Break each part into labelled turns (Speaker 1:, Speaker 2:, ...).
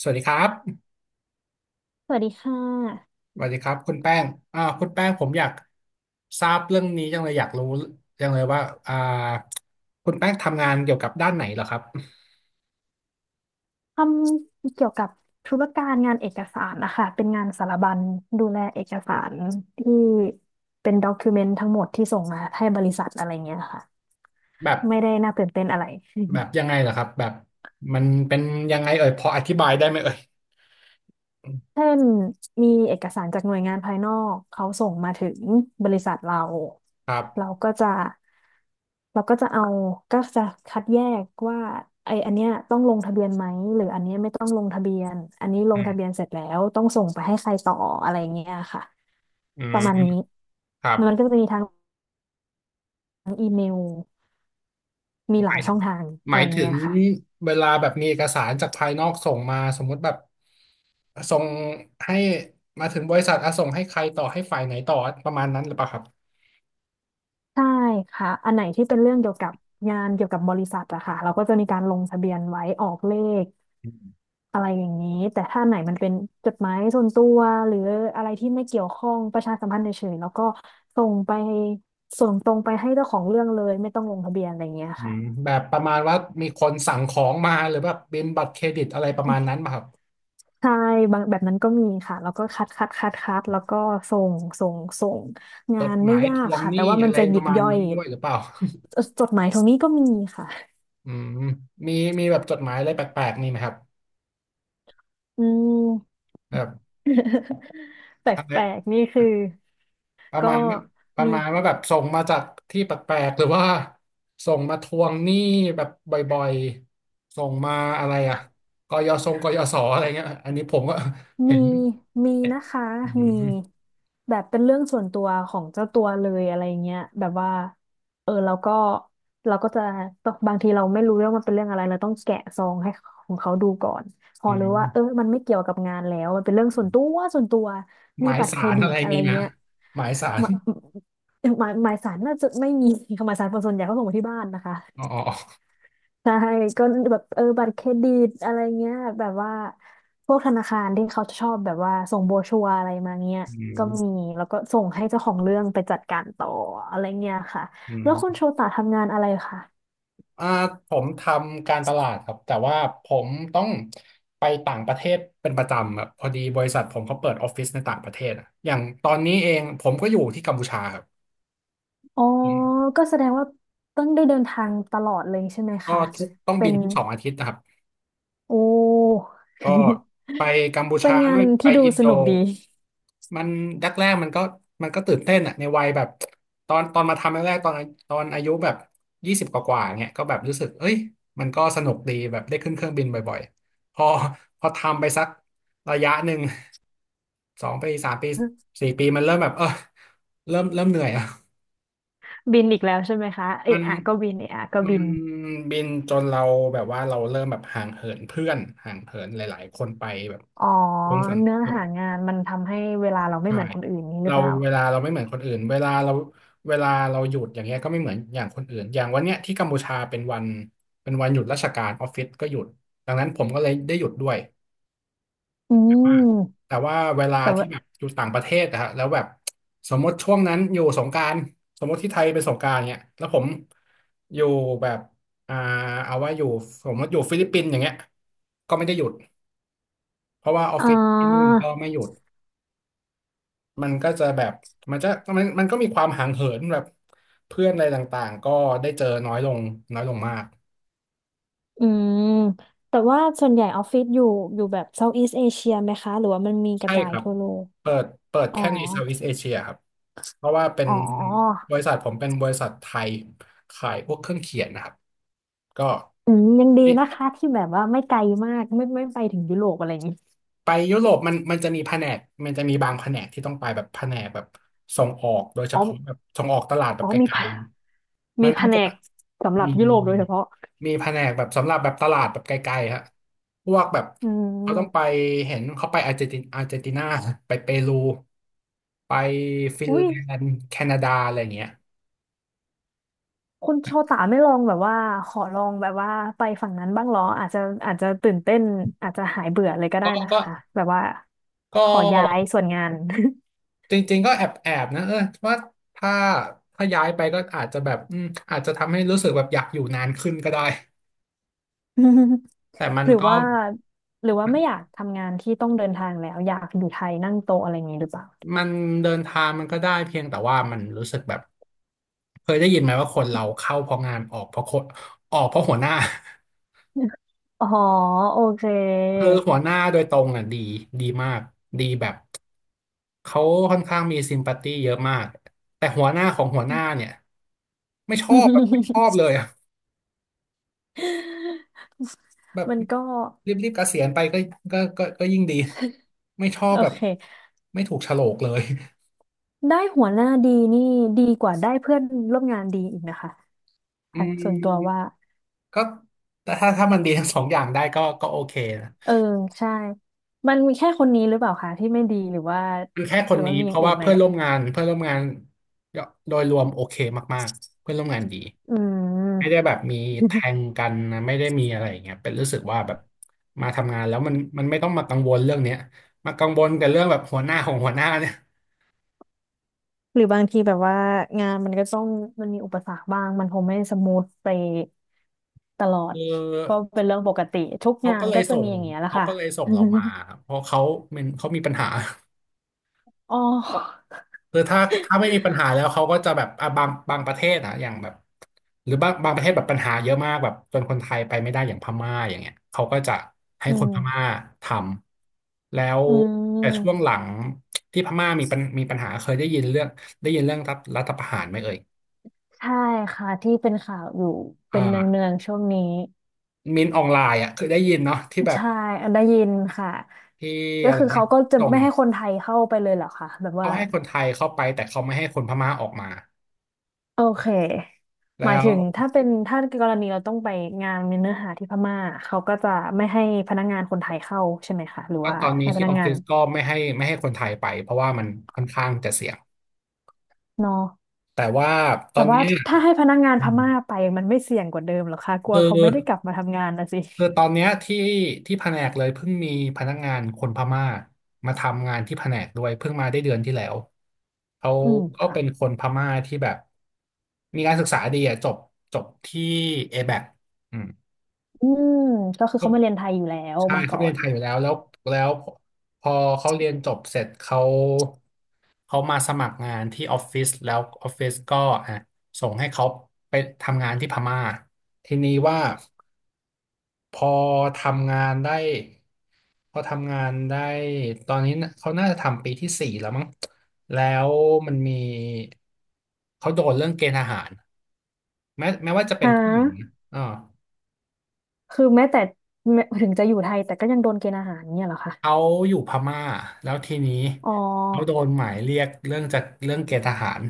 Speaker 1: สวัสดีครับ
Speaker 2: สวัสดีค่ะ
Speaker 1: สวัสดีครับคุณแป้งคุณแป้งผมอยากทราบเรื่องนี้จังเลยอยากรู้จังเลยว่าอ่าคุณแป้งทำงานเกี่ยวกับด้านไหนเหรอครับ
Speaker 2: ทำเกี่ยวกับธุรการงานเอกสารนะคะ เป็นงานสารบัญดูแลเอกสารที่เป็นด็อกิเมนต์ทั้งหมดที่ส่งมาให้บริษัทอะไรเงี้ยค่ะ
Speaker 1: แบบ
Speaker 2: ไม่ได้น่าตื่นเต้นอะไร
Speaker 1: ยังไงเหรอครับแบบมันเป็นยังไงเอ่ยพออธิบายได้ไหมเอ่ย
Speaker 2: เช่นมีเอกสารจากหน่วยงานภายนอกเขาส่งมาถึงบริษัทเรา
Speaker 1: ครั
Speaker 2: เรา
Speaker 1: บ
Speaker 2: ก็จะเราก็จะเอาก็จะคัดแยกว่าไออันเนี้ยต้องลงทะเบียนไหมหรืออันเนี้ยไม่ต้องลงทะเบียนอันนี้ล
Speaker 1: อื
Speaker 2: งทะเบียน
Speaker 1: ม
Speaker 2: เสร็จแล้วต้องส่งไปให้ใครต่ออะไรเงี้ยค่ะ
Speaker 1: อื
Speaker 2: ป
Speaker 1: ม
Speaker 2: ระมาณนี้
Speaker 1: ครับ
Speaker 2: มันก็จะมีทางอีเมลมี
Speaker 1: ห
Speaker 2: หลา
Speaker 1: มา
Speaker 2: ย
Speaker 1: ย
Speaker 2: ช่องทาง
Speaker 1: ห
Speaker 2: อะ
Speaker 1: มา
Speaker 2: ไร
Speaker 1: ยถึ
Speaker 2: เงี้
Speaker 1: ง
Speaker 2: ยค่ะ
Speaker 1: เวลาแบบมีเอกสารจากภายนอกส่งมาสมมุติแบบส่งให้มาถึงบริษัทอ่ะส่งให้ใครต่อให้ฝ่ายไหนต่อประมาณนั้นหรือเปล่าครับ
Speaker 2: ใช่ค่ะอันไหนที่เป็นเรื่องเกี่ยวกับงานเกี่ยวกับบริษัทอะค่ะเราก็จะมีการลงทะเบียนไว้ออกเลขอะไรอย่างนี้แต่ถ้าไหนมันเป็นจดหมายส่วนตัวหรืออะไรที่ไม่เกี่ยวข้องประชาสัมพันธ์เฉยๆแล้วก็ส่งไปส่งตรงไปให้เจ้าของเรื่องเลยไม่ต้องลงทะเบียนอะไรอย่างเงี้ย
Speaker 1: อื
Speaker 2: ค่ะ
Speaker 1: มแบบประมาณว่ามีคนสั่งของมาหรือแบบเป็นบัตรเครดิตอะไรประมาณนั้นป่ะครับ
Speaker 2: ใช่บางแบบนั้นก็มีค่ะแล้วก็คัดคัดคัดคัดแล้วก็ส่งส่งส่ง
Speaker 1: จ
Speaker 2: งา
Speaker 1: ด
Speaker 2: น
Speaker 1: ห
Speaker 2: ไม่
Speaker 1: มาย
Speaker 2: ยา
Speaker 1: ท
Speaker 2: ก
Speaker 1: วง
Speaker 2: ค่ะ
Speaker 1: ห
Speaker 2: แต่
Speaker 1: นี้
Speaker 2: ว่ามั
Speaker 1: อะ
Speaker 2: น
Speaker 1: ไร
Speaker 2: จะห
Speaker 1: ป
Speaker 2: ยิ
Speaker 1: ระ
Speaker 2: บ
Speaker 1: มาณ
Speaker 2: ย่อ
Speaker 1: นั้
Speaker 2: ย
Speaker 1: นด้วยหรือเปล่า
Speaker 2: จดหมายตรงนี้ก็มีค่ะ
Speaker 1: อืมมีมีแบบจดหมายอะไรแปลกๆมีไหมครับ
Speaker 2: อืม
Speaker 1: แบบ
Speaker 2: แป
Speaker 1: อะไร
Speaker 2: ลกๆนี่คือ
Speaker 1: ประ
Speaker 2: ก็
Speaker 1: มาณว่าประ
Speaker 2: มี
Speaker 1: มาณว่าแบบส่งมาจากที่แปลกๆหรือว่าส่งมาทวงหนี้แบบบ่อยๆส่งมาอะไรอะกยศอะไรเงี้ยอันนี้ผมก็ เห็
Speaker 2: มี
Speaker 1: น
Speaker 2: มีนะคะ
Speaker 1: อื
Speaker 2: มี
Speaker 1: ม
Speaker 2: แบบเป็นเรื่องส่วนตัวของเจ้าตัวเลยอะไรเงี้ยแบบว่าเออเราก็จะบางทีเราไม่รู้เรื่องมันเป็นเรื่องอะไรเราต้องแกะซองให้ของเขาดูก่อนพอ
Speaker 1: อื
Speaker 2: รู้ว่าเออ
Speaker 1: ม
Speaker 2: มันไม่เกี่ยวกับงานแล้วมันเป็นเรื่องส่วนตัวส่วนตัว
Speaker 1: ห
Speaker 2: มี
Speaker 1: มาย
Speaker 2: บัตร
Speaker 1: สา
Speaker 2: เคร
Speaker 1: ร
Speaker 2: ดิ
Speaker 1: อะ
Speaker 2: ต
Speaker 1: ไร
Speaker 2: อะไร
Speaker 1: มีไหม
Speaker 2: เงี้ย
Speaker 1: หมายสา
Speaker 2: ห
Speaker 1: ร
Speaker 2: มายหมายสารน่าจะไม่มี หมายสารคนส่วนใหญ่เขาส่งมาที่บ้านนะคะ
Speaker 1: อ๋อ
Speaker 2: ใช่ก็แบบเออบัตรเครดิตอะไรเงี้ยแบบว่าพวกธนาคารที่เขาชอบแบบว่าส่งโบรชัวร์อะไรมาเงี้ย
Speaker 1: อื
Speaker 2: ก็มี
Speaker 1: ม
Speaker 2: แล้วก็ส่งให้เจ้าของเรื่องไปจัดการต่ออะไรเงี้ยค่ะ
Speaker 1: อื
Speaker 2: แล้วคุณโช
Speaker 1: ม
Speaker 2: ตะทำงานอะไรคะ
Speaker 1: อ่าผมทำการตลาดครับ แต่ว่าผมต้องไปต่างประเทศเป็นประจำแบบพอดีบริษัทผมเขาเปิดออฟฟิศในต่างประเทศอะอย่างตอนนี้เองผมก็อยู่ที่กัมพูชาครับ
Speaker 2: อ๋อ
Speaker 1: ผม
Speaker 2: ก็แสดงว่าต้องได้เดินทางตลอดเลยใช่ไหม
Speaker 1: ก็
Speaker 2: คะ
Speaker 1: ทุกต้อง
Speaker 2: เป็
Speaker 1: บิน
Speaker 2: น
Speaker 1: ทุกสองอาทิตย์นะครับ
Speaker 2: โอ้
Speaker 1: ก็ ไปกัมพู
Speaker 2: เป็
Speaker 1: ชา
Speaker 2: นงา
Speaker 1: ด้ว
Speaker 2: น
Speaker 1: ยไป
Speaker 2: ที่ดู
Speaker 1: อิน
Speaker 2: ส
Speaker 1: โด
Speaker 2: นุกดี
Speaker 1: มันแรกแรกมันก็ตื่นเต้นอะในวัยแบบตอนมาทำแรกๆตอนอายุแบบยี่สิบกว่าๆเนี่ยก็แบบรู้สึกเอ้ยมันก็สนุกดีแบบได้ขึ้นเครื่องบินบ่อยๆพอทำไปสักระยะหนึ่งสองปีสามปีสี่ปีมันเริ่มแบบเออเริ่มเหนื่อยอะ
Speaker 2: บินอีกแล้วใช่ไหมคะเอะ
Speaker 1: มัน
Speaker 2: อะก็บินเอะอะก็
Speaker 1: มั
Speaker 2: บิ
Speaker 1: น
Speaker 2: น
Speaker 1: บินจนเราแบบว่าเราเริ่มแบบห่างเหินเพื่อนห่างเหินหลายๆคนไปแบบ
Speaker 2: อ๋อ
Speaker 1: วงสัง
Speaker 2: เนื้อ
Speaker 1: แบบ
Speaker 2: หางานมันทำให้เวลาเราไม่
Speaker 1: ใช่
Speaker 2: เหมือนคนอื่นนี้หรือ
Speaker 1: เรา
Speaker 2: เปล่า
Speaker 1: เวลาเราไม่เหมือนคนอื่นเวลาเราหยุดอย่างเงี้ยก็ไม่เหมือนอย่างคนอื่นอย่างวันเนี้ยที่กัมพูชาเป็นวันหยุดราชการออฟฟิศก็หยุดดังนั้นผมก็เลยได้หยุดด้วย
Speaker 2: อืม
Speaker 1: แต่ว่าเวลา
Speaker 2: แต่
Speaker 1: ที่
Speaker 2: ว่า
Speaker 1: แบบอยู่ต่างประเทศอะฮะแล้วแบบสมมติช่วงนั้นอยู่สงกรานต์สมมติที่ไทยเป็นสงกรานต์เนี่ยแล้วผมอยู่แบบอ่าเอาว่าอยู่สมมติอยู่ฟิลิปปินส์อย่างเงี้ยก็ไม่ได้หยุดเพราะว่าออฟ
Speaker 2: อ่
Speaker 1: ฟิศที่นู่น
Speaker 2: า
Speaker 1: ก็ไม่หยุดมันก็จะแบบมันจะมันก็มีความห่างเหินแบบเพื่อนอะไรต่างๆก็ได้เจอน้อยลงน้อยลงมาก
Speaker 2: อืมแต่ว่าส่วนใหญ่ออฟฟิศอยู่แบบเซาท์อีสเอเชียไหมคะหรือว่ามันมีก
Speaker 1: ใช่
Speaker 2: ระจา
Speaker 1: ค
Speaker 2: ย
Speaker 1: รับ
Speaker 2: ทั่วโลก
Speaker 1: เปิด
Speaker 2: อ๋อ
Speaker 1: แค่ใน Southeast Asia ครับ เพราะว่าเป็น
Speaker 2: อ๋อ
Speaker 1: บริษัทผมเป็นบริษัทไทยขายพวกเครื่องเขียนนะครับ ก็
Speaker 2: อืมยังดี
Speaker 1: อิ
Speaker 2: นะคะที่แบบว่าไม่ไกลมากไม่ไปถึงยุโรปอะไรอย่างนี้
Speaker 1: ไปยุโรปมันจะมีแผนก มันจะมีบางแผนกที่ต้องไปแบบแผนกแบบส่งออกโดยเฉ
Speaker 2: อ๋อ
Speaker 1: พาะแบบส่งออกตลาดแบ
Speaker 2: อ๋
Speaker 1: บ
Speaker 2: อ
Speaker 1: ไกลๆมั
Speaker 2: มี
Speaker 1: น
Speaker 2: แผ
Speaker 1: ก็
Speaker 2: น
Speaker 1: จะ
Speaker 2: กสำหรับ
Speaker 1: มี
Speaker 2: ยุโร
Speaker 1: มี
Speaker 2: ปโด
Speaker 1: มี
Speaker 2: ยเฉพาะ
Speaker 1: มีแผนกแบบสำหรับแบบตลาดแบบไกลๆฮะพวกแบบ
Speaker 2: อื
Speaker 1: เขาต้องไป
Speaker 2: ม
Speaker 1: เห็นเขาไปอาร์เจนตินาไปเปรูไปฟินแล
Speaker 2: อุ้ย
Speaker 1: นด์แคนาดาอะไรอย่างเงี้ย
Speaker 2: คุณโชตาไม่ลองแบบว่าขอลองแบบว่าไปฝั่งนั้นบ้างเหรออาจจะอาจจะตื่นเต้นอาจจะหายเบื่อเลยก็
Speaker 1: ก็
Speaker 2: ได้นะคะแบบว่า
Speaker 1: ก็
Speaker 2: ขอย้ายส่วนงาน
Speaker 1: จริงๆก็แอบนะเออว่าถ้าถ้าย้ายไปก็อาจจะแบบอืมอาจจะทำให้รู้สึกแบบอยากอยู่นานขึ้นก็ได้
Speaker 2: อืม
Speaker 1: แต่มั
Speaker 2: ห
Speaker 1: น
Speaker 2: รือ
Speaker 1: ก็
Speaker 2: ว่าหรือว่าไม่อยากทำงานที่ต้องเดินทางแล้วอยากอยู่ไทยนั่งโต๊ะอะไรอย่างนี้หรือเปล่า
Speaker 1: มันเดินทางมันก็ได้เพียงแต่ว่ามันรู้สึกแบบเคยได้ยินไหมว่าคนเราเข้าเพราะงานออกเพราะคนออกเพราะหัวหน้า
Speaker 2: อ๋อโอเค
Speaker 1: คือหัวหน้าโดยตรงอ่ะดีมากดีแบบเขาค่อนข้างมีซิมพัตตี้เยอะมากแต่หัวหน้าของหัวหน้าเนี่ยไม่ชอบเลยอ่ะแบบ
Speaker 2: มันก็
Speaker 1: รีบๆเกษียณไปก็ยิ่งดีไม่ชอบ
Speaker 2: โอ
Speaker 1: แบบ
Speaker 2: เค
Speaker 1: ไม่ถูกโฉลกเลย
Speaker 2: ได้หัวหน้าดีนี่ดีกว่าได้เพื่อนร่วมงานดีอีกนะคะ
Speaker 1: อื
Speaker 2: ค่ะส่วนตัวว่า
Speaker 1: มก็แต่ถ้ามันดีทั้งสองอย่างได้ก็โอเคนะ
Speaker 2: เออใช่ มันมีแค่คนนี้หรือเปล่าคะที่ไม่ดีหรือว่า
Speaker 1: คือแค่ค
Speaker 2: หรื
Speaker 1: น
Speaker 2: อว่า
Speaker 1: นี้
Speaker 2: มี
Speaker 1: เพ
Speaker 2: อย่าง
Speaker 1: ราะ
Speaker 2: อื่
Speaker 1: ว่า
Speaker 2: นไหม
Speaker 1: เพื่อนร่วมงานโดยรวมโอเคมากๆเพื่อนร่วมงานดี
Speaker 2: อืม
Speaker 1: ไม่ได้แบบมีแท งกันนะไม่ได้มีอะไรอย่างเงี้ยเป็นรู้สึกว่าแบบมาทำงานแล้วมันไม่ต้องมากังวลเรื่องเนี้ยมากังวลกับเรื่องแบบหัวหน้าของหัวหน้าเนี่ย
Speaker 2: หรือบางทีแบบว่างานมันก็ต้องมันมีอุปสรรคบ้างมันคงไม่สมูทไปตลอด
Speaker 1: คือ
Speaker 2: ก็เป็นเรื่องปกติทุก
Speaker 1: เขา
Speaker 2: งา
Speaker 1: ก็
Speaker 2: น
Speaker 1: เลย
Speaker 2: ก็จะ
Speaker 1: ส่
Speaker 2: มี
Speaker 1: ง
Speaker 2: อย่างเงี้ยแหละ
Speaker 1: เขา
Speaker 2: ค่ะ
Speaker 1: ก็เลยส่งเรามา ครับเพราะเขามันเขามีปัญหา
Speaker 2: อ๋อ
Speaker 1: คือถ้าไม่มีปัญหาแล้วเขาก็จะแบบอ่ะบางประเทศอะอย่างแบบหรือบางประเทศแบบปัญหาเยอะมากแบบจนคนไทยไปไม่ได้อย่างพม่าอย่างเงี้ยเขาก็จะให้
Speaker 2: อื
Speaker 1: คน
Speaker 2: ม
Speaker 1: พม่าทำแล้ว
Speaker 2: อื
Speaker 1: แต่ช่ว
Speaker 2: ม
Speaker 1: งหลังที่พม่ามีปัญหาเคยได้ยินเรื่องได้ยินเรื่องรัฐประหารไหมเอ่ย
Speaker 2: ใช่ค่ะที่เป็นข่าวอยู่เป็นเนื
Speaker 1: อ่า
Speaker 2: องๆช่วงนี้
Speaker 1: มินออนไลน์อะเคยได้ยินเนาะที่แบบ
Speaker 2: ใช่ได้ยินค่ะ
Speaker 1: ที่
Speaker 2: ก็
Speaker 1: อะไร
Speaker 2: คือ
Speaker 1: นะ
Speaker 2: เขาก็จะ
Speaker 1: ส่ง
Speaker 2: ไม่ให้คนไทยเข้าไปเลยเหรอคะแบบ
Speaker 1: เขา
Speaker 2: ว่า
Speaker 1: ให้คนไทยเข้าไปแต่เขาไม่ให้คนพม่าออกมา
Speaker 2: โอเคห
Speaker 1: แล้
Speaker 2: มาย
Speaker 1: ว
Speaker 2: ถึงถ้าเป็นถ้ากรณีเราต้องไปงานมีเนื้อหาที่พม่าเขาก็จะไม่ให้พนักงานคนไทยเข้าใช่ไหมคะหรือ
Speaker 1: ก็
Speaker 2: ว่า
Speaker 1: ตอนนี้
Speaker 2: ให้พ
Speaker 1: ที่
Speaker 2: นั
Speaker 1: อ
Speaker 2: ก
Speaker 1: อฟ
Speaker 2: งา
Speaker 1: ฟิ
Speaker 2: น
Speaker 1: ศก็ไม่ให้ไม่ให้คนไทยไปเพราะว่ามันค่อนข้างจะเสี่ยง
Speaker 2: เนอะ
Speaker 1: แต่ว่าต
Speaker 2: แต่
Speaker 1: อน
Speaker 2: ว่า
Speaker 1: นี้
Speaker 2: ถ้าให้พนักงาน
Speaker 1: อื
Speaker 2: พ
Speaker 1: ม
Speaker 2: ม่าไปมันไม่เสี่ยงกว่าเดิมเหรอคะกลัว
Speaker 1: คือ
Speaker 2: เขาไม่ได้กลับมาทำงานนะสิ
Speaker 1: คือตอนเนี้ยที่แผนกเลยเพิ่งมีพนักงานคนพม่ามาทำงานที่แผนกด้วยเพิ่งมาได้เดือนที่แล้วเขา
Speaker 2: อืม
Speaker 1: ก็
Speaker 2: ค่ะ
Speaker 1: เป็นคนพม่าที่แบบมีการศึกษาดีอะจบที่ ABAC อแบ็คอืม
Speaker 2: อืมก็คือเขามาเรียนไทยอยู่แล้ว
Speaker 1: ใช่
Speaker 2: มา
Speaker 1: เขา
Speaker 2: ก่อ
Speaker 1: ไปเรี
Speaker 2: น
Speaker 1: ยนไทยอยู่แล้วแล้วพอเขาเรียนจบเสร็จเขาเขามาสมัครงานที่ออฟฟิศแล้วออฟฟิศก็อ่ะส่งให้เขาไปทำงานที่พม่าทีนี้ว่าพอทำงานได้พอทำงานได้ตอนนี้น่ะเขาน่าจะทำปีที่สี่แล้วมั้งแล้วมันมีเขาโดนเรื่องเกณฑ์ทหารแม้ว่าจะเป็
Speaker 2: ฮะ
Speaker 1: นผู้หญิงอ่า
Speaker 2: คือแม้แต่แม้ถึงจะอยู่ไทยแต่ก็ยังโดนเกณฑ์อาหารเนี่ยเหรอคะ
Speaker 1: เขาอยู่พม่าแล้วทีนี้
Speaker 2: อ๋อ
Speaker 1: เขาโดนหมายเรียกเรื่องจากเรื่องเกณฑ์ทหาร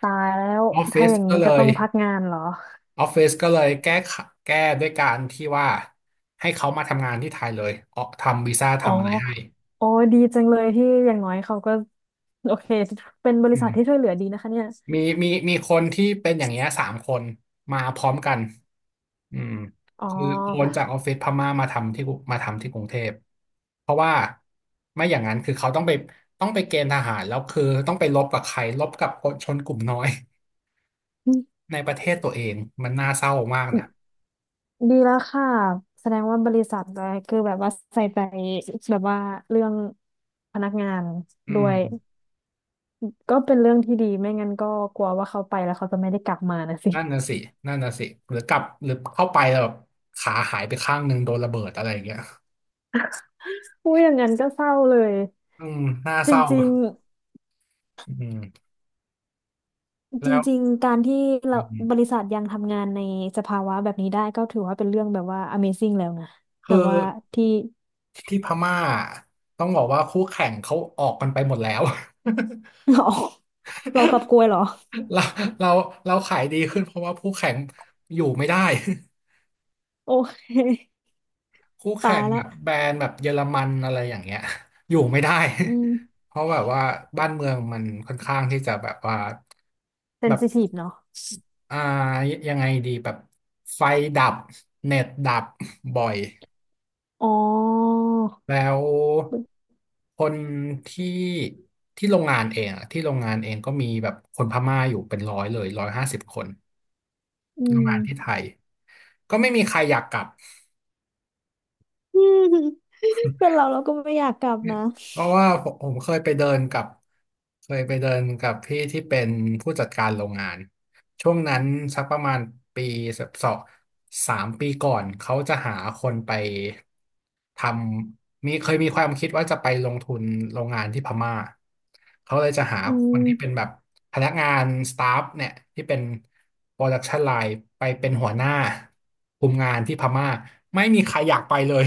Speaker 2: ตายแล้ว
Speaker 1: ออฟฟิ
Speaker 2: ถ้า
Speaker 1: ศ
Speaker 2: อย่าง
Speaker 1: ก็
Speaker 2: นี้
Speaker 1: เล
Speaker 2: ก็ต้
Speaker 1: ย
Speaker 2: องพักงานเหรอ
Speaker 1: ออฟฟิศก็เลยแก้ด้วยการที่ว่าให้เขามาทำงานที่ไทยเลยเอาทำวีซ่า
Speaker 2: อ๋อ
Speaker 1: ทำอะไรให้
Speaker 2: โอ้ดีจังเลยที่อย่างน้อยเขาก็โอเคเป็นบริ
Speaker 1: อื
Speaker 2: ษัทที่ช่ว
Speaker 1: ม
Speaker 2: ยเหลือดีนะคะเนี่ย
Speaker 1: มีคนที่เป็นอย่างเงี้ยสามคนมาพร้อมกันอืม
Speaker 2: อ๋
Speaker 1: คือโอน
Speaker 2: อ
Speaker 1: จากออฟฟิศพม่ามาทำที่กรุงเทพเพราะว่าไม่อย่างนั้นคือเขาต้องไปต้องไปเกณฑ์ทหารแล้วคือต้องไปรบกับใครรบกับคนชนกลุ่มน้อย ในประเทศตัวเองมันน่าเศร้ามากนะ
Speaker 2: ดีแล้วค่ะแสดงว่าบริษัทอะไรคือแบบว่าใส่ใจแบบว่าเรื่องพนักงาน
Speaker 1: อื
Speaker 2: ด้วย
Speaker 1: ม
Speaker 2: ก็เป็นเรื่องที่ดีไม่งั้นก็กลัวว่าเขาไปแล้วเขาจะไม่ได้กลับมานะสิ
Speaker 1: นั่นน่ะสินั่นน่ะสิหรือกลับหรือเข้าไปแล้วแบบขาหายไปข้างหนึ่งโดนระเบิดอะไรอย่างเงี้ย
Speaker 2: อุ้ยอย่างนั้นก็เศร้าเลย
Speaker 1: อืมน่า
Speaker 2: จ
Speaker 1: เศร้า
Speaker 2: ริงๆ
Speaker 1: อืม
Speaker 2: จ
Speaker 1: แล้ว
Speaker 2: ริงๆการที่เรา
Speaker 1: อืม
Speaker 2: บริษัทยังทำงานในสภาวะแบบนี้ได้ก็ถือว่าเป็นเรื่องแบบว่า Amazing แล้วนะ
Speaker 1: คื
Speaker 2: แบ
Speaker 1: อ
Speaker 2: บว่าที่
Speaker 1: ที่พม่าต้องบอกว่าคู่แข่งเขาออกกันไปหมดแล้ว
Speaker 2: เราเรากลับกลวยเหรอ
Speaker 1: เราเราเราขายดีขึ้นเพราะว่าคู่แข่งอยู่ไม่ได้
Speaker 2: โอเค
Speaker 1: คู่
Speaker 2: ตา
Speaker 1: แข่ง
Speaker 2: ย
Speaker 1: แบ
Speaker 2: ละ
Speaker 1: บแบรนด์แบบเยอรมันอะไรอย่างเงี้ย อยู่ไม่ได้
Speaker 2: อืม
Speaker 1: เพราะแบบว่าบ้านเมืองมันค่อนข้างที่จะแบบว่า
Speaker 2: เซน
Speaker 1: แบบ
Speaker 2: ซิทีฟเนาะ
Speaker 1: อ่ายังไงดีแบบไฟดับเน็ตดับบ่อย
Speaker 2: อ๋อ
Speaker 1: แล้วคนที่ที่โรงงานเองอะที่โรงงานเองก็มีแบบคนพม่าอยู่เป็นร้อยเลยร้อยห้าสิบคน
Speaker 2: อื
Speaker 1: โรง
Speaker 2: ม
Speaker 1: งานที่ไท ยก็ไม่มีใครอยากกลับ
Speaker 2: อืมเป็นเราก็ไม่อยากกลับนะ
Speaker 1: เพราะว่าผมเคยไปเดินกับเคยไปเดินกับพี่ที่เป็นผู้จัดการโรงงานช่วงนั้นสักประมาณปีสองสามปีก่อนเขาจะหาคนไปทมีเคยมีความคิดว่าจะไปลงทุนโรงงานที่พม่าเขาเลยจะหา
Speaker 2: อื
Speaker 1: คนที่เป็นแบ
Speaker 2: ม
Speaker 1: บพนักงานสตาฟเนี่ยที่เป็นโปรดักชันไลน์ไปเป็นหัวหน้าคุมงานที่พม่าไม่มีใครอยากไปเลย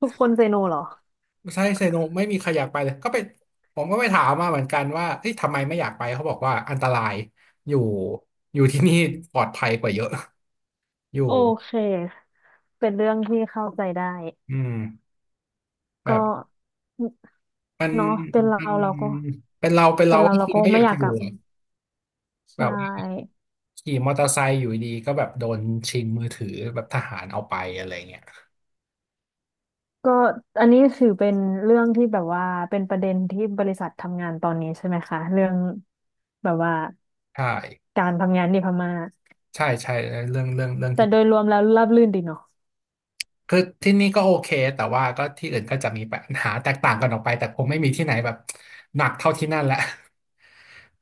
Speaker 2: ทุกคนเซโนเหรอ
Speaker 1: ใช่เซโนไม่มีใครอยากไปเลยก็ไปผมก็ไปถามมาเหมือนกันว่าเฮ้ยทำไมไม่อยากไปเขาบอกว่าอันตรายอยู่อยู่ที่นี่ปลอดภัยกว่าเยอะ อยู่
Speaker 2: โอเคเป็นเรื่องที่เข้าใจได้
Speaker 1: อืม
Speaker 2: ก็
Speaker 1: แบบมัน
Speaker 2: เนาะเป็นเรา
Speaker 1: มัน
Speaker 2: เราก็
Speaker 1: เป็นเราเป็น
Speaker 2: เป็
Speaker 1: เรา
Speaker 2: นเรา
Speaker 1: ก็ค
Speaker 2: เรา
Speaker 1: ง
Speaker 2: ก็
Speaker 1: ไม่อ
Speaker 2: ไม่
Speaker 1: ยาก
Speaker 2: อยาก
Speaker 1: อ
Speaker 2: ก
Speaker 1: ยู่
Speaker 2: ลับ
Speaker 1: อะ
Speaker 2: ใช
Speaker 1: แบบว่า
Speaker 2: ่
Speaker 1: ขี่มอเตอร์ไซค์อยู่ดีก็แบบโดนชิงมือถือแบบทหารเอาไปอะไรเงี้ย
Speaker 2: ก็อันนี้ถือเป็นเรื่องที่แบบว่าเป็นประเด็นที่บริษัททำงานตอนนี้ใช่ไหมคะเรื่องแบบว่า
Speaker 1: ใช่
Speaker 2: การทำงานที่พม่า
Speaker 1: ใช่ใช่เรื่อง
Speaker 2: แต่
Speaker 1: ที่
Speaker 2: โดยรวมแล้วราบรื่นดีเนาะ
Speaker 1: คือที่นี่ก็โอเคแต่ว่าก็ที่อื่นก็จะมีปัญหาแตกต่างกันออกไปแต่คงไม่มีที่ไหนแบบหนักเท่าที่นั่นแหละ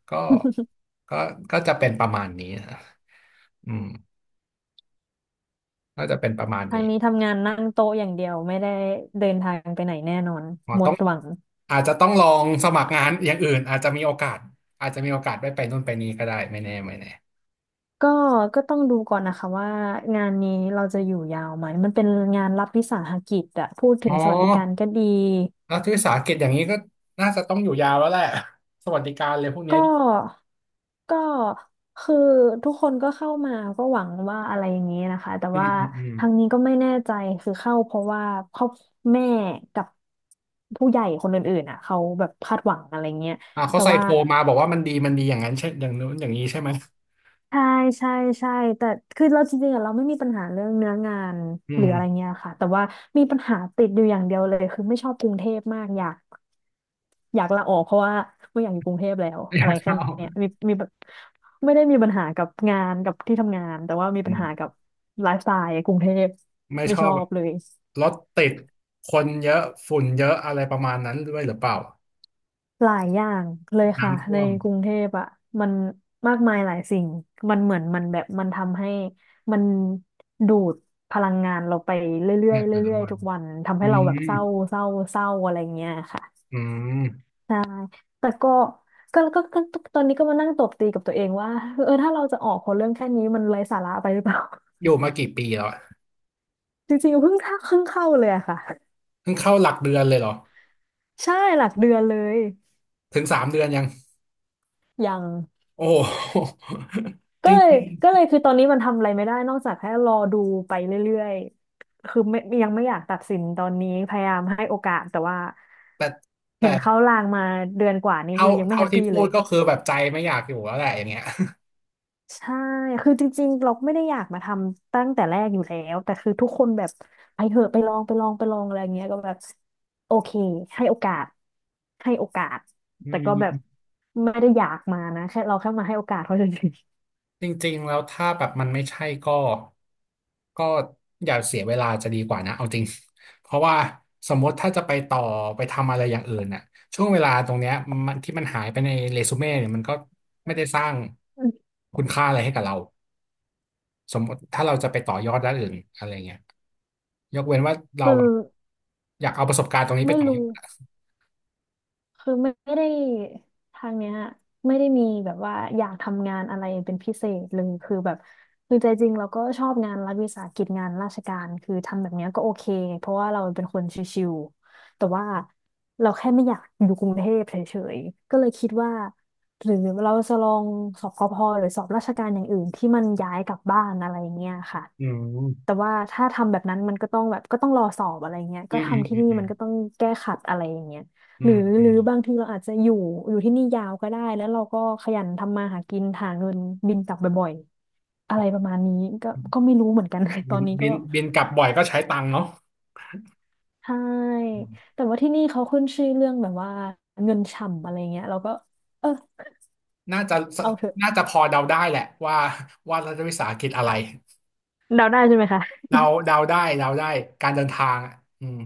Speaker 1: ก็ ก็ก็จะเป็นประมาณนี้นะอืมมก็จะเป็นประมาณ
Speaker 2: ทาง
Speaker 1: นี้
Speaker 2: นี้ทำงานนั่งโต๊ะอย่างเดียวไม่ได้เดินทางไปไหนแน่นอน
Speaker 1: อ๋อ
Speaker 2: หม
Speaker 1: ต้อ
Speaker 2: ด
Speaker 1: ง
Speaker 2: หวัง
Speaker 1: อาจจะต้องลองสมัครงานอย่างอื่นอาจจะมีโอกาสอาจจะมีโอกาสได้ไปนู่นไปนี่ก็ได้ไม่แน่ไม่แน่
Speaker 2: ก็ก็ต้องดูก่อนนะคะว่างานนี้เราจะอยู่ยาวไหมมันเป็นงานรัฐวิสาหกิจอะพูดถึ
Speaker 1: อ๋
Speaker 2: ง
Speaker 1: อ
Speaker 2: สวัสดิการก็ดี
Speaker 1: รัฐวิสาหกิจอย่างนี้ก็น่าจะต้องอยู่ยาวแล้วแหละสวัสดิการเลยพวกเนี้
Speaker 2: ก็
Speaker 1: ย
Speaker 2: ก็คือทุกคนก็เข้ามาก็หวังว่าอะไรอย่างนี้นะคะ แต่ว่า
Speaker 1: อืม
Speaker 2: ทางนี้ก็ไม่แน่ใจ คือเข้าเพราะว่าครอบแม่กับผู้ใหญ่คนอื่นๆอ่ะเขาแบบคาดหวังอะไรเงี้ย
Speaker 1: อ่าเขา
Speaker 2: แต่
Speaker 1: ใส่
Speaker 2: ว่า
Speaker 1: โคมาบอกว่ามันดีมันดีอย่างนั้นใช่อย่างนู้นอย่างนี้ใช่ไหม
Speaker 2: ใช่ใช่ใช่แต่คือเราจริงๆอะเราไม่มีปัญหาเรื่องเนื้องาน
Speaker 1: อื
Speaker 2: หรื
Speaker 1: ม
Speaker 2: ออะไรเงี้ยค่ะแต่ว่ามีปัญหาติดอยู่อย่างเดียวเลยคือไม่ชอบกรุงเทพมากอยากลาออกเพราะว่าไม่อยากอยู่กรุงเทพแล้ว
Speaker 1: อ
Speaker 2: อะ
Speaker 1: ยา
Speaker 2: ไร
Speaker 1: ก
Speaker 2: แค่
Speaker 1: เข้า
Speaker 2: เนี้ยมีแบบไม่ได้มีปัญหากับงานกับที่ทำงานแต่ว่ามี
Speaker 1: อื
Speaker 2: ปัญ
Speaker 1: ม
Speaker 2: หากับไลฟ์สไตล์กรุงเทพ
Speaker 1: ไม่
Speaker 2: ไม่
Speaker 1: ชอ
Speaker 2: ชอ
Speaker 1: บ
Speaker 2: บเลย
Speaker 1: รถติดคนเยอะฝุ่นเยอะอะไรประมาณนั้นด้วยหรือเปล่า
Speaker 2: หลายอย่างเลยค่ะ
Speaker 1: น้ำท่
Speaker 2: ใน
Speaker 1: วม
Speaker 2: กรุงเทพอ่ะมันมากมายหลายสิ่งมันเหมือนมันแบบมันทำให้มันดูดพลังงานเราไปเรื่อ
Speaker 1: เนี่
Speaker 2: ย
Speaker 1: ย
Speaker 2: ๆ
Speaker 1: แต่ละ
Speaker 2: เรื่อย
Speaker 1: วั
Speaker 2: ๆทุ
Speaker 1: น
Speaker 2: กวันทำ
Speaker 1: อื
Speaker 2: ให้เราแบบ
Speaker 1: ม
Speaker 2: เศร้าเศร้าอะไรเงี้ยค่ะ
Speaker 1: อืม
Speaker 2: ใช่แต่ก็ตอนนี้ก็มานั่งตบตีกับตัวเองว่าเออถ้าเราจะออกคนเรื่องแค่นี้มันไร้สาระไปหรือเปล่า
Speaker 1: อยู่มากี่ปีแล้วอะ
Speaker 2: จริงๆเพิ่งเข้าเลยอะค่ะ
Speaker 1: เพิ่งเข้าหลักเดือนเลยเหรอ
Speaker 2: ใช่หลักเดือนเลย
Speaker 1: ถึงสามเดือนยัง
Speaker 2: ยัง
Speaker 1: โอ้โห จ
Speaker 2: ก็
Speaker 1: ร
Speaker 2: เลย
Speaker 1: ิง
Speaker 2: ก็เลยคือตอนนี้มันทำอะไรไม่ได้นอกจากแค่รอดูไปเรื่อยๆคือไม่ยังไม่อยากตัดสินตอนนี้พยายามให้โอกาสแต่ว่า
Speaker 1: ๆแต่
Speaker 2: เห็นเขาลางมาเดือนกว่านี้คือยังไม่
Speaker 1: เท่า
Speaker 2: แฮป
Speaker 1: ที่
Speaker 2: ปี้เล
Speaker 1: พูด
Speaker 2: ย
Speaker 1: ก็คือแบบใจไม่อยากอยู่แล้วแหละอย่างเงี้ย
Speaker 2: ใช่คือจริงๆเราไม่ได้อยากมาทำตั้งแต่แรกอยู่แล้วแต่คือทุกคนแบบไปเถอะไปลองอะไรอย่างเงี้ยก็แบบโอเคให้โอกาสให้โอกาส
Speaker 1: อื
Speaker 2: แต่ก็แบบ
Speaker 1: ม
Speaker 2: ไม่ได้อยากมานะแค่เรามาให้โอกาสเขาเฉย
Speaker 1: จริงๆแล้วถ้าแบบมันไม่ใช่ก็ก็อย่าเสียเวลาจะดีกว่านะเอาจริง เพราะว่าสมมติถ้าจะไปต่อไปทำอะไรอย่างอื่นน่ะช่วงเวลาตรงเนี้ยมันที่มันหายไปในเรซูเม่เนี่ยมันก็ไม่ได้สร้าง
Speaker 2: ๆ
Speaker 1: คุณค่าอะไรให้กับเราสมมติถ้าเราจะไปต่อยอดด้านอื่นอะไรเงี้ยยกเว้นว่า เรา
Speaker 2: คือ
Speaker 1: แบบอยากเอาประสบการณ์ตรงนี้ไป
Speaker 2: ไม่
Speaker 1: ต่อยอ
Speaker 2: รู้
Speaker 1: ด
Speaker 2: คือไม่ได้ทางเนี้ยไม่ได้มีแบบว่าอยากทำงานอะไรเป็นพิเศษเลยคือแบบคือใจจริงเราก็ชอบงานรัฐวิสาหกิจงานราชการคือทำแบบเนี้ยก็โอเคเพราะว่าเราเป็นคนชิวๆแต่ว่าเราแค่ไม่อยากอยู่กรุงเทพเฉยๆก็เลยคิดว่าหรือเราจะลองสอบกพหรือสอบราชการอย่างอื่นที่มันย้ายกลับบ้านอะไรเงี้ยค่ะ
Speaker 1: อืม
Speaker 2: แต่ว่าถ้าทำแบบนั้นมันก็ต้องแบบก็ต้องรอสอบอะไรเงี้ย
Speaker 1: อื
Speaker 2: ก็
Speaker 1: มอืม
Speaker 2: ทำที่นี่
Speaker 1: อื
Speaker 2: มั
Speaker 1: ม
Speaker 2: นก็ต้องแก้ขัดอะไรอย่างเงี้ย
Speaker 1: อื
Speaker 2: หรือ
Speaker 1: มอื
Speaker 2: หรือ
Speaker 1: ม
Speaker 2: บางทีเราอาจจะอยู่ที่นี่ยาวก็ได้แล้วเราก็ขยันทำมาหากินหาเงินบินกลับบ่อยๆอะไรประมาณนี้ก็
Speaker 1: อื
Speaker 2: ก็
Speaker 1: ม
Speaker 2: ไม่รู้เหมือนกัน ตอนนี้ก็
Speaker 1: บินกลับบ่อยก็ใช้ตังค์เนาะ
Speaker 2: ใช่แต่ว่าที่นี่เขาขึ้นชื่อเรื่องแบบว่าเงินฉ่ำอะไรเงี้ยเราก็เออ
Speaker 1: น่าจะ
Speaker 2: เอาเถอะ
Speaker 1: พอเดาได้แหละว่ารัฐวิสาหกิจอะไร
Speaker 2: เดาได้ใช่ไหมคะ
Speaker 1: เราเดาได้เดาได้การเดินทางอ่ะอืม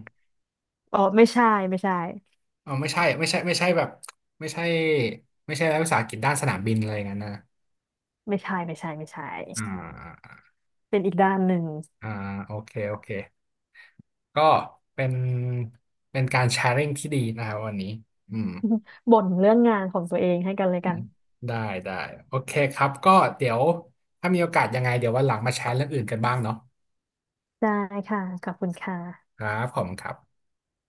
Speaker 2: อ๋อไม่ใช่ไม่ใช่
Speaker 1: เอ๋อไม่ใช่ไม่ใช่ไม่ใช่แบบไม่ใช่ไม่ใช่รัฐวิสาหกิจด้านสนามบินอะไรอย่างนั้นนะ
Speaker 2: ไม่ใช่ไม่ใช่ไม่ใช่
Speaker 1: อ่า
Speaker 2: เป็นอีกด้านหนึ่ง
Speaker 1: อ่าโอเคโอเคก็เป็นเป็นการแชร์ริ่งที่ดีนะครับวันนี้อืม
Speaker 2: บ่นเรื่องงานของตัวเองให้กันเลยกัน
Speaker 1: ได้ได้โอเคครับก็เดี๋ยวถ้ามีโอกาสยังไงเดี๋ยววันหลังมาแชร์เรื่องอื่นกันบ้างเนาะ
Speaker 2: ได้ค่ะขอบคุณค่ะ
Speaker 1: ครับผมคครับ